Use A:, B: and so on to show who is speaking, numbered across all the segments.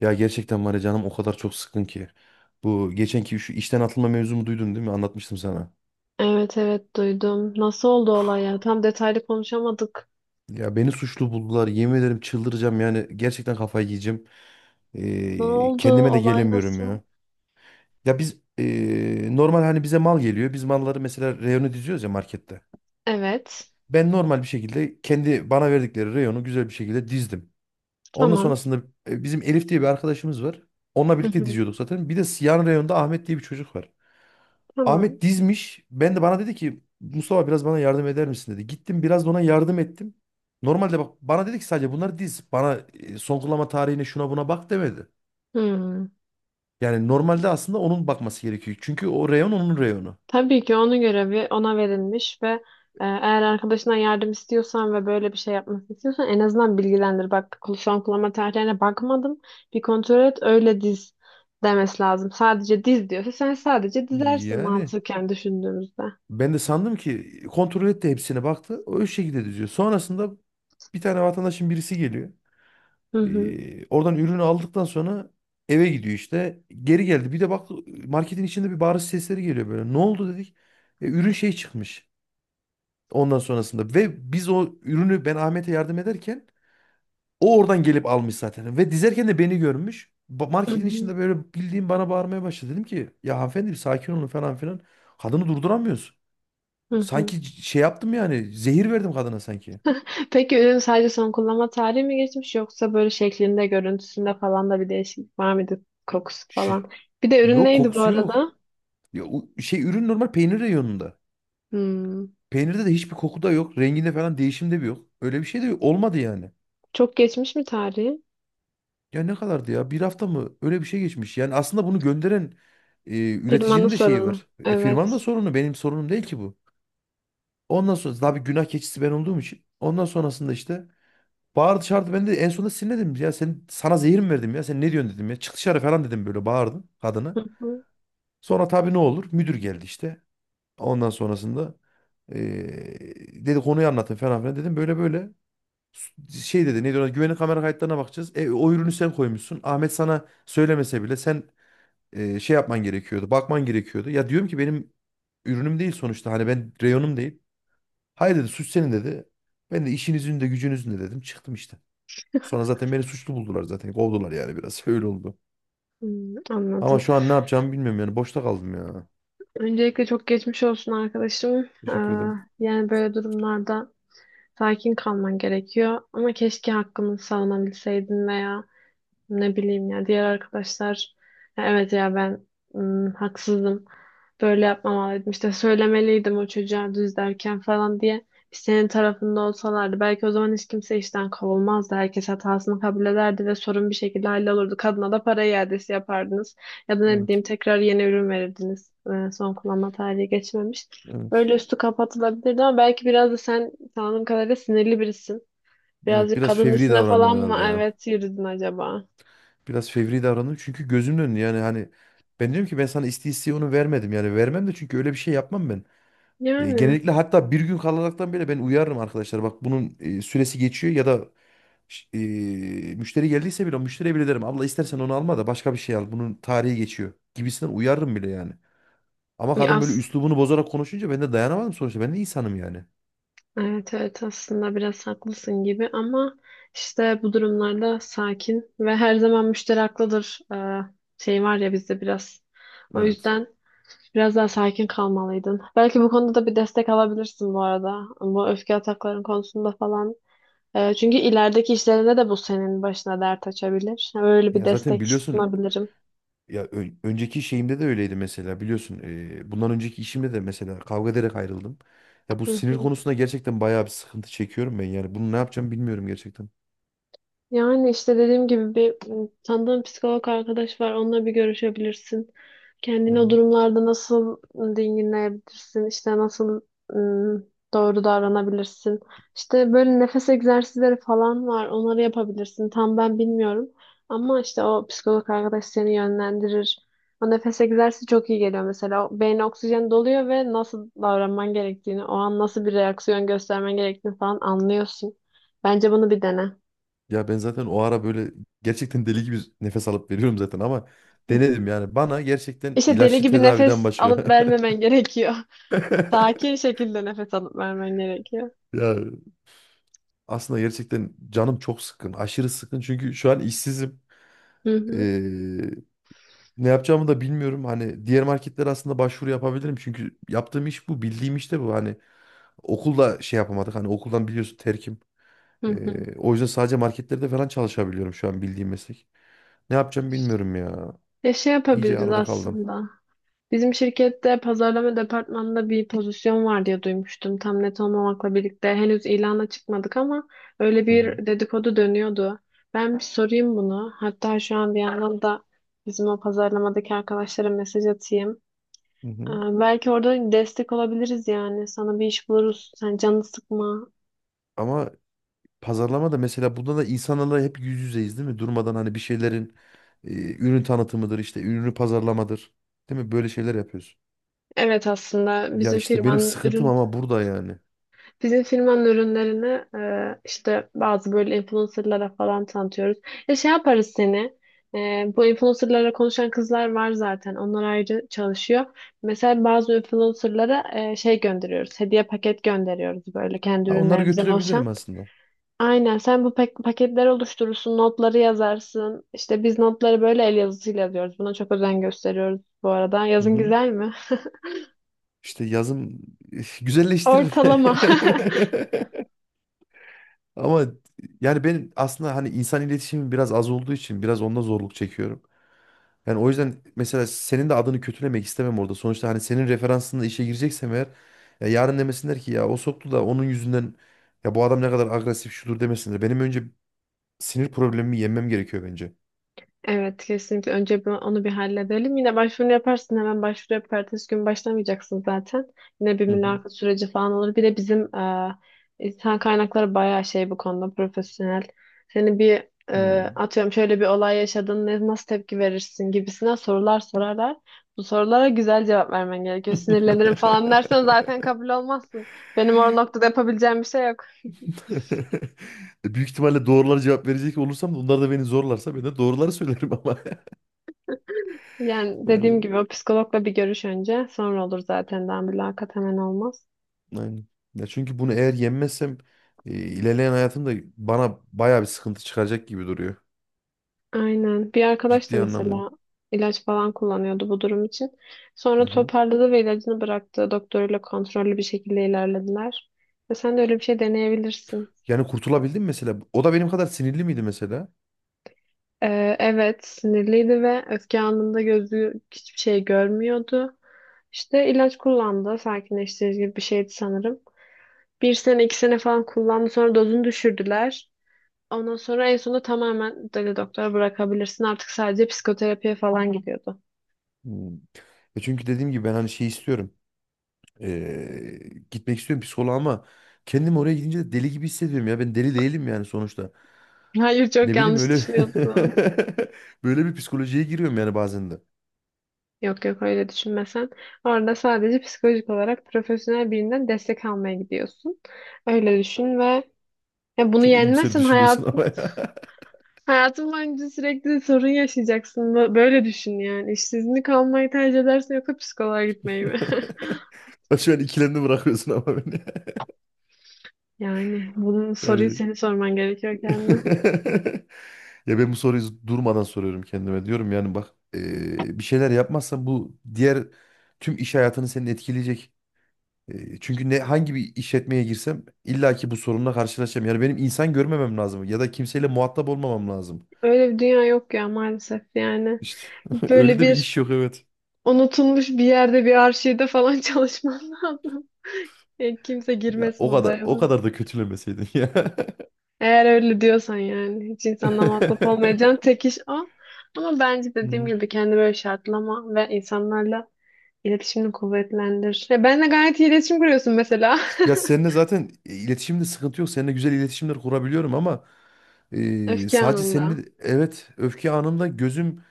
A: Ya gerçekten var ya canım o kadar çok sıkın ki. Bu geçenki şu işten atılma mevzumu duydun değil mi? Anlatmıştım sana.
B: Evet, evet, duydum. Nasıl oldu olay ya? Tam detaylı konuşamadık.
A: Ya beni suçlu buldular. Yemin ederim çıldıracağım yani. Gerçekten kafayı yiyeceğim.
B: Ne oldu?
A: Kendime de
B: Olay
A: gelemiyorum
B: nasıl?
A: ya. Ya biz normal hani bize mal geliyor. Biz malları mesela reyonu diziyoruz ya markette.
B: Evet.
A: Ben normal bir şekilde kendi bana verdikleri reyonu güzel bir şekilde dizdim. Ondan
B: Tamam.
A: sonrasında bizim Elif diye bir arkadaşımız var. Onunla
B: Hı
A: birlikte
B: hı.
A: diziyorduk zaten. Bir de yan reyonda Ahmet diye bir çocuk var.
B: Tamam.
A: Ahmet dizmiş. Ben de bana dedi ki Mustafa biraz bana yardım eder misin dedi. Gittim biraz da ona yardım ettim. Normalde bak bana dedi ki sadece bunları diz. Bana son kullanma tarihine şuna buna bak demedi.
B: Hmm.
A: Yani normalde aslında onun bakması gerekiyor. Çünkü o reyon onun reyonu.
B: Tabii ki onun görevi ona verilmiş ve eğer arkadaşına yardım istiyorsan ve böyle bir şey yapmasını istiyorsan en azından bilgilendir. Bak, son kullanma tarihlerine bakmadım. Bir kontrol et, öyle diz demesi lazım. Sadece diz diyorsa sen sadece dizersin,
A: Yani
B: mantıken düşündüğümüzde.
A: ben de sandım ki kontrol etti hepsine baktı. O şekilde diziyor. Sonrasında bir tane vatandaşın birisi geliyor.
B: Hı hı.
A: Oradan ürünü aldıktan sonra eve gidiyor işte. Geri geldi. Bir de bak marketin içinde bir bağırış sesleri geliyor böyle. Ne oldu dedik. Ürün şey çıkmış. Ondan sonrasında ve biz o ürünü ben Ahmet'e yardım ederken o oradan gelip almış zaten. Ve dizerken de beni görmüş.
B: Hı
A: Marketin
B: hı.
A: içinde böyle bildiğim bana bağırmaya başladı. Dedim ki ya hanımefendi bir sakin olun falan filan. Kadını durduramıyoruz.
B: Hı hı.
A: Sanki şey yaptım yani zehir verdim kadına sanki.
B: Peki, ürün sadece son kullanma tarihi mi geçmiş, yoksa böyle şeklinde, görüntüsünde falan da bir değişiklik var mıydı? Kokusu
A: Şu-
B: falan. Bir de ürün
A: yok
B: neydi bu
A: kokusu
B: arada?
A: yok. Ya, şey ürün normal peynir reyonunda.
B: Hmm.
A: Peynirde de hiçbir koku da yok. Renginde falan değişim de bir yok. Öyle bir şey de yok. Olmadı yani.
B: Çok geçmiş mi tarihi?
A: Ya ne kadardı ya? Bir hafta mı? Öyle bir şey geçmiş. Yani aslında bunu gönderen
B: Firmanın
A: üreticinin de şeyi
B: sorunu.
A: var. E,
B: Evet.
A: firmanın da sorunu. Benim sorunum değil ki bu. Ondan sonra tabii günah keçisi ben olduğum için. Ondan sonrasında işte bağırdı çağırdı. Ben de en sonunda sinirlendim. Ya sana zehir mi verdim ya? Sen ne diyorsun dedim ya. Çık dışarı falan dedim böyle bağırdım kadına.
B: Hı hı.
A: Sonra tabii ne olur? Müdür geldi işte. Ondan sonrasında e, dedi konuyu anlatın falan filan dedim. Böyle böyle. Şey dedi neydi ona güvenlik kamera kayıtlarına bakacağız. E, o ürünü sen koymuşsun. Ahmet sana söylemese bile sen şey yapman gerekiyordu. Bakman gerekiyordu. Ya diyorum ki benim ürünüm değil sonuçta. Hani ben reyonum değil. Hayır dedi suç senin dedi. Ben de işinizin de gücünüzün de dedim. Çıktım işte. Sonra zaten beni suçlu buldular zaten. Kovdular yani biraz. Öyle oldu.
B: Hmm,
A: Ama
B: anladım.
A: şu an ne yapacağımı bilmiyorum yani. Boşta kaldım ya.
B: Öncelikle çok geçmiş olsun arkadaşım.
A: Teşekkür ederim.
B: Yani böyle durumlarda sakin kalman gerekiyor. Ama keşke hakkını savunabilseydin veya ne bileyim ya, diğer arkadaşlar "ya evet, ya ben haksızdım. Böyle yapmamalıydım. İşte söylemeliydim o çocuğa düz derken" falan diye bir senin tarafında olsalardı, belki o zaman hiç kimse işten kovulmazdı. Herkes hatasını kabul ederdi ve sorun bir şekilde hallolurdu. Kadına da para iadesi yapardınız. Ya da ne bileyim,
A: Evet.
B: tekrar yeni ürün verirdiniz. Son kullanma tarihi geçmemiş.
A: Evet.
B: Böyle üstü kapatılabilirdi, ama belki biraz da sen, tanıdığım kadarıyla, sinirli birisin.
A: Evet,
B: Birazcık
A: biraz
B: kadın
A: fevri
B: üstüne
A: davrandım
B: falan mı,
A: herhalde ya.
B: evet, yürüdün acaba?
A: Biraz fevri davrandım çünkü gözümün önünde yani hani ben diyorum ki ben sana isteye isteye onu vermedim yani vermem de çünkü öyle bir şey yapmam ben.
B: Yani,
A: Genellikle hatta bir gün kalaraktan bile ben uyarırım arkadaşlar bak bunun süresi geçiyor ya da ş- e, müşteri geldiyse bile müşteriye bile derim abla istersen onu alma da başka bir şey al bunun tarihi geçiyor gibisinden uyarırım bile yani. Ama
B: ya
A: kadın böyle
B: as
A: üslubunu bozarak konuşunca ben de dayanamadım sonuçta ben de insanım yani.
B: evet, evet, aslında biraz haklısın gibi, ama işte bu durumlarda sakin ve her zaman müşteri haklıdır, şey var ya bizde biraz. O
A: Evet.
B: yüzden biraz daha sakin kalmalıydın. Belki bu konuda da bir destek alabilirsin bu arada. Bu öfke atakların konusunda falan. Çünkü ilerideki işlerinde de bu senin başına dert açabilir. Öyle bir
A: Ya zaten
B: destek
A: biliyorsun.
B: sunabilirim.
A: Ya önceki şeyimde de öyleydi mesela biliyorsun. Bundan önceki işimde de mesela kavga ederek ayrıldım. Ya bu
B: Hı
A: sinir
B: hı.
A: konusunda gerçekten bayağı bir sıkıntı çekiyorum ben yani. Bunu ne yapacağım bilmiyorum gerçekten.
B: Yani işte dediğim gibi, bir tanıdığım psikolog arkadaş var. Onunla bir görüşebilirsin.
A: Hı
B: Kendini o
A: hı.
B: durumlarda nasıl dinginleyebilirsin, işte nasıl m, doğru davranabilirsin? İşte böyle nefes egzersizleri falan var. Onları yapabilirsin. Tam ben bilmiyorum. Ama işte o psikolog arkadaş seni yönlendirir. O nefes egzersizi çok iyi geliyor mesela. O beyne oksijen doluyor ve nasıl davranman gerektiğini, o an nasıl bir reaksiyon göstermen gerektiğini falan anlıyorsun. Bence bunu bir dene.
A: Ya ben zaten o ara böyle gerçekten deli gibi nefes alıp veriyorum zaten ama denedim yani. Bana gerçekten
B: İşte deli
A: ilaçlı
B: gibi
A: tedaviden
B: nefes
A: başka.
B: alıp vermemen gerekiyor. Sakin şekilde nefes alıp vermen gerekiyor.
A: Ya aslında gerçekten canım çok sıkkın. Aşırı sıkkın çünkü şu an işsizim.
B: Hı hı,
A: Ne yapacağımı da bilmiyorum. Hani diğer marketlere aslında başvuru yapabilirim. Çünkü yaptığım iş bu. Bildiğim iş de bu. Hani okulda şey yapamadık. Hani okuldan biliyorsun terkim.
B: hı hı.
A: O yüzden sadece marketlerde falan çalışabiliyorum şu an bildiğim meslek. Ne yapacağım bilmiyorum ya.
B: Ya, şey
A: İyice
B: yapabiliriz
A: arada kaldım.
B: aslında. Bizim şirkette pazarlama departmanında bir pozisyon var diye duymuştum. Tam net olmamakla birlikte henüz ilana çıkmadık, ama öyle
A: Hı hı.
B: bir dedikodu dönüyordu. Ben bir sorayım bunu. Hatta şu an bir yandan da bizim o pazarlamadaki arkadaşlara mesaj atayım.
A: Hı
B: Ee,
A: hı.
B: Belki orada destek olabiliriz yani. Sana bir iş buluruz. Sen canını sıkma.
A: Ama pazarlama da mesela bunda da insanlarla hep yüz yüzeyiz değil mi? Durmadan hani bir şeylerin e, ürün tanıtımıdır işte ürünü pazarlamadır. Değil mi? Böyle şeyler yapıyoruz.
B: Evet, aslında
A: Ya
B: bizim
A: işte benim
B: firmanın
A: sıkıntım
B: ürün,
A: ama burada yani.
B: bizim firmanın ürünlerini işte bazı böyle influencerlara falan tanıtıyoruz. Ya şey yaparız seni. e, Bu influencerlara konuşan kızlar var zaten. Onlar ayrı çalışıyor. Mesela bazı influencerlara şey gönderiyoruz. Hediye paket gönderiyoruz, böyle kendi
A: Ha, onları
B: ürünlerimizden
A: götürebilirim
B: oluşan.
A: aslında.
B: Aynen, sen bu paketler oluşturursun, notları yazarsın. İşte biz notları böyle el yazısıyla yazıyoruz. Buna çok özen gösteriyoruz bu arada.
A: Hı
B: Yazın
A: hı.
B: güzel mi?
A: İşte yazım güzelleştirir.
B: Ortalama.
A: Ama yani benim aslında hani insan iletişimim biraz az olduğu için biraz onda zorluk çekiyorum. Yani o yüzden mesela senin de adını kötülemek istemem orada. Sonuçta hani senin referansında işe gireceksem eğer ya yarın demesinler ki ya o soktu da onun yüzünden ya bu adam ne kadar agresif şudur demesinler. Benim önce sinir problemimi yenmem gerekiyor bence.
B: Evet, kesinlikle önce onu bir halledelim. Yine başvurunu yaparsın, hemen başvuru yapıp ertesi gün başlamayacaksın zaten. Yine bir
A: Hı hı.
B: mülakat süreci falan olur. Bir de bizim insan kaynakları bayağı şey bu konuda profesyonel. Seni bir,
A: Hı.
B: atıyorum, şöyle bir olay yaşadın, ne, nasıl tepki verirsin gibisine sorular sorarlar. Bu sorulara güzel cevap vermen gerekiyor. Sinirlenirim falan dersen zaten kabul olmazsın. Benim o noktada yapabileceğim bir şey yok.
A: Büyük ihtimalle doğruları cevap verecek olursam da onlar da beni zorlarsa ben de doğruları söylerim ama.
B: Yani dediğim
A: Yani
B: gibi o psikologla bir görüş önce, sonra olur zaten, daha mülakat hemen olmaz.
A: aynen. Ya çünkü bunu eğer yenmezsem ilerleyen hayatımda bana bayağı bir sıkıntı çıkacak gibi duruyor.
B: Aynen. Bir arkadaş da
A: Ciddi anlamda.
B: mesela ilaç falan kullanıyordu bu durum için. Sonra
A: Hı hı.
B: toparladı ve ilacını bıraktı. Doktoruyla kontrollü bir şekilde ilerlediler. Ve sen de öyle bir şey deneyebilirsin.
A: Yani kurtulabildim mi mesela. O da benim kadar sinirli miydi mesela?
B: Evet, sinirliydi ve öfke anında gözü hiçbir şey görmüyordu. İşte ilaç kullandı. Sakinleştirici gibi bir şeydi sanırım. Bir sene, 2 sene falan kullandı. Sonra dozunu düşürdüler. Ondan sonra en sonunda tamamen dedi doktora, bırakabilirsin. Artık sadece psikoterapiye falan gidiyordu.
A: Hmm. E çünkü dediğim gibi ben hani şey istiyorum. E, Gitmek istiyorum psikoloğa ama kendim oraya gidince de deli gibi hissediyorum ya. Ben deli değilim yani sonuçta.
B: Hayır, çok
A: Ne bileyim
B: yanlış
A: öyle
B: düşünüyorsun.
A: böyle bir psikolojiye giriyorum yani bazen de.
B: Yok, yok, öyle düşünmesen. Orada sadece psikolojik olarak profesyonel birinden destek almaya gidiyorsun. Öyle düşün ve ya, bunu
A: Çok iyimser
B: yenmezsen
A: düşünüyorsun ama
B: hayatın
A: ya.
B: hayatın boyunca sürekli sorun yaşayacaksın. Böyle düşün yani. İşsizlik almayı tercih edersin, yoksa psikoloğa gitmeyi mi?
A: Şu an ikilemde bırakıyorsun ama beni.
B: Yani bunun soruyu
A: Yani
B: senin sorman gerekiyor kendine.
A: ya ben bu soruyu durmadan soruyorum kendime. Diyorum yani bak bir şeyler yapmazsan bu diğer tüm iş hayatını senin etkileyecek. Çünkü ne hangi bir işletmeye girsem illa ki bu sorunla karşılaşacağım. Yani benim insan görmemem lazım ya da kimseyle muhatap olmamam lazım.
B: Öyle bir dünya yok ya, maalesef yani.
A: İşte öyle
B: Böyle
A: de bir
B: bir
A: iş yok evet.
B: unutulmuş bir yerde, bir arşivde falan çalışman lazım. Kimse
A: Ya
B: girmesin
A: o kadar
B: odaya.
A: o kadar da kötülemeseydin ya.
B: Eğer öyle diyorsan yani. Hiç insanla muhatap olmayacağın tek iş o. Ama bence dediğim
A: Hmm.
B: gibi kendi böyle şartlama ve insanlarla iletişimini kuvvetlendir. Ya, benle gayet iyi iletişim kuruyorsun mesela.
A: Ya seninle zaten iletişimde sıkıntı yok. Seninle güzel iletişimler kurabiliyorum ama
B: Öfke
A: sadece
B: anında.
A: seninle evet öfke anımda gözüm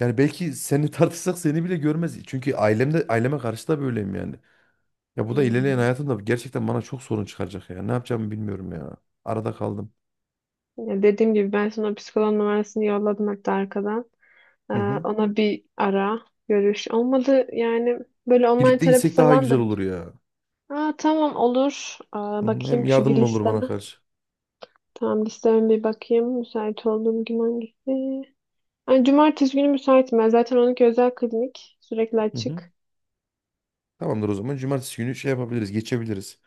A: yani belki seni tartışsak seni bile görmez. Çünkü ailemde aileme karşı da böyleyim yani. Ya bu da ilerleyen
B: Hmm.
A: hayatımda gerçekten bana çok sorun çıkaracak ya. Ne yapacağımı bilmiyorum ya. Arada kaldım.
B: Ya, dediğim gibi ben sana psikoloğun numarasını yolladım, hatta arkadan. Ee,
A: Hı hı.
B: Ona bir ara görüş. Olmadı yani, böyle online
A: Birlikte
B: terapi
A: gitsek daha
B: falan da.
A: güzel olur ya.
B: Tamam, olur.
A: Hı hı. Hem
B: Bakayım şu bir
A: yardımın olur bana
B: listeme.
A: karşı.
B: Tamam, listeme bir bakayım. Müsait olduğum gün hangisi? Ay, cumartesi günü müsaitim ben. Zaten onunki özel klinik. Sürekli
A: Hı hı.
B: açık.
A: Tamamdır o zaman. Cumartesi günü şey yapabiliriz, geçebiliriz.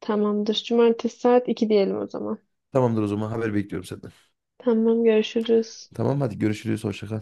B: Tamamdır. Cumartesi saat 2 diyelim o zaman.
A: Tamamdır o zaman haber bekliyorum senden.
B: Tamam, görüşürüz.
A: Tamam hadi görüşürüz hoşça kal.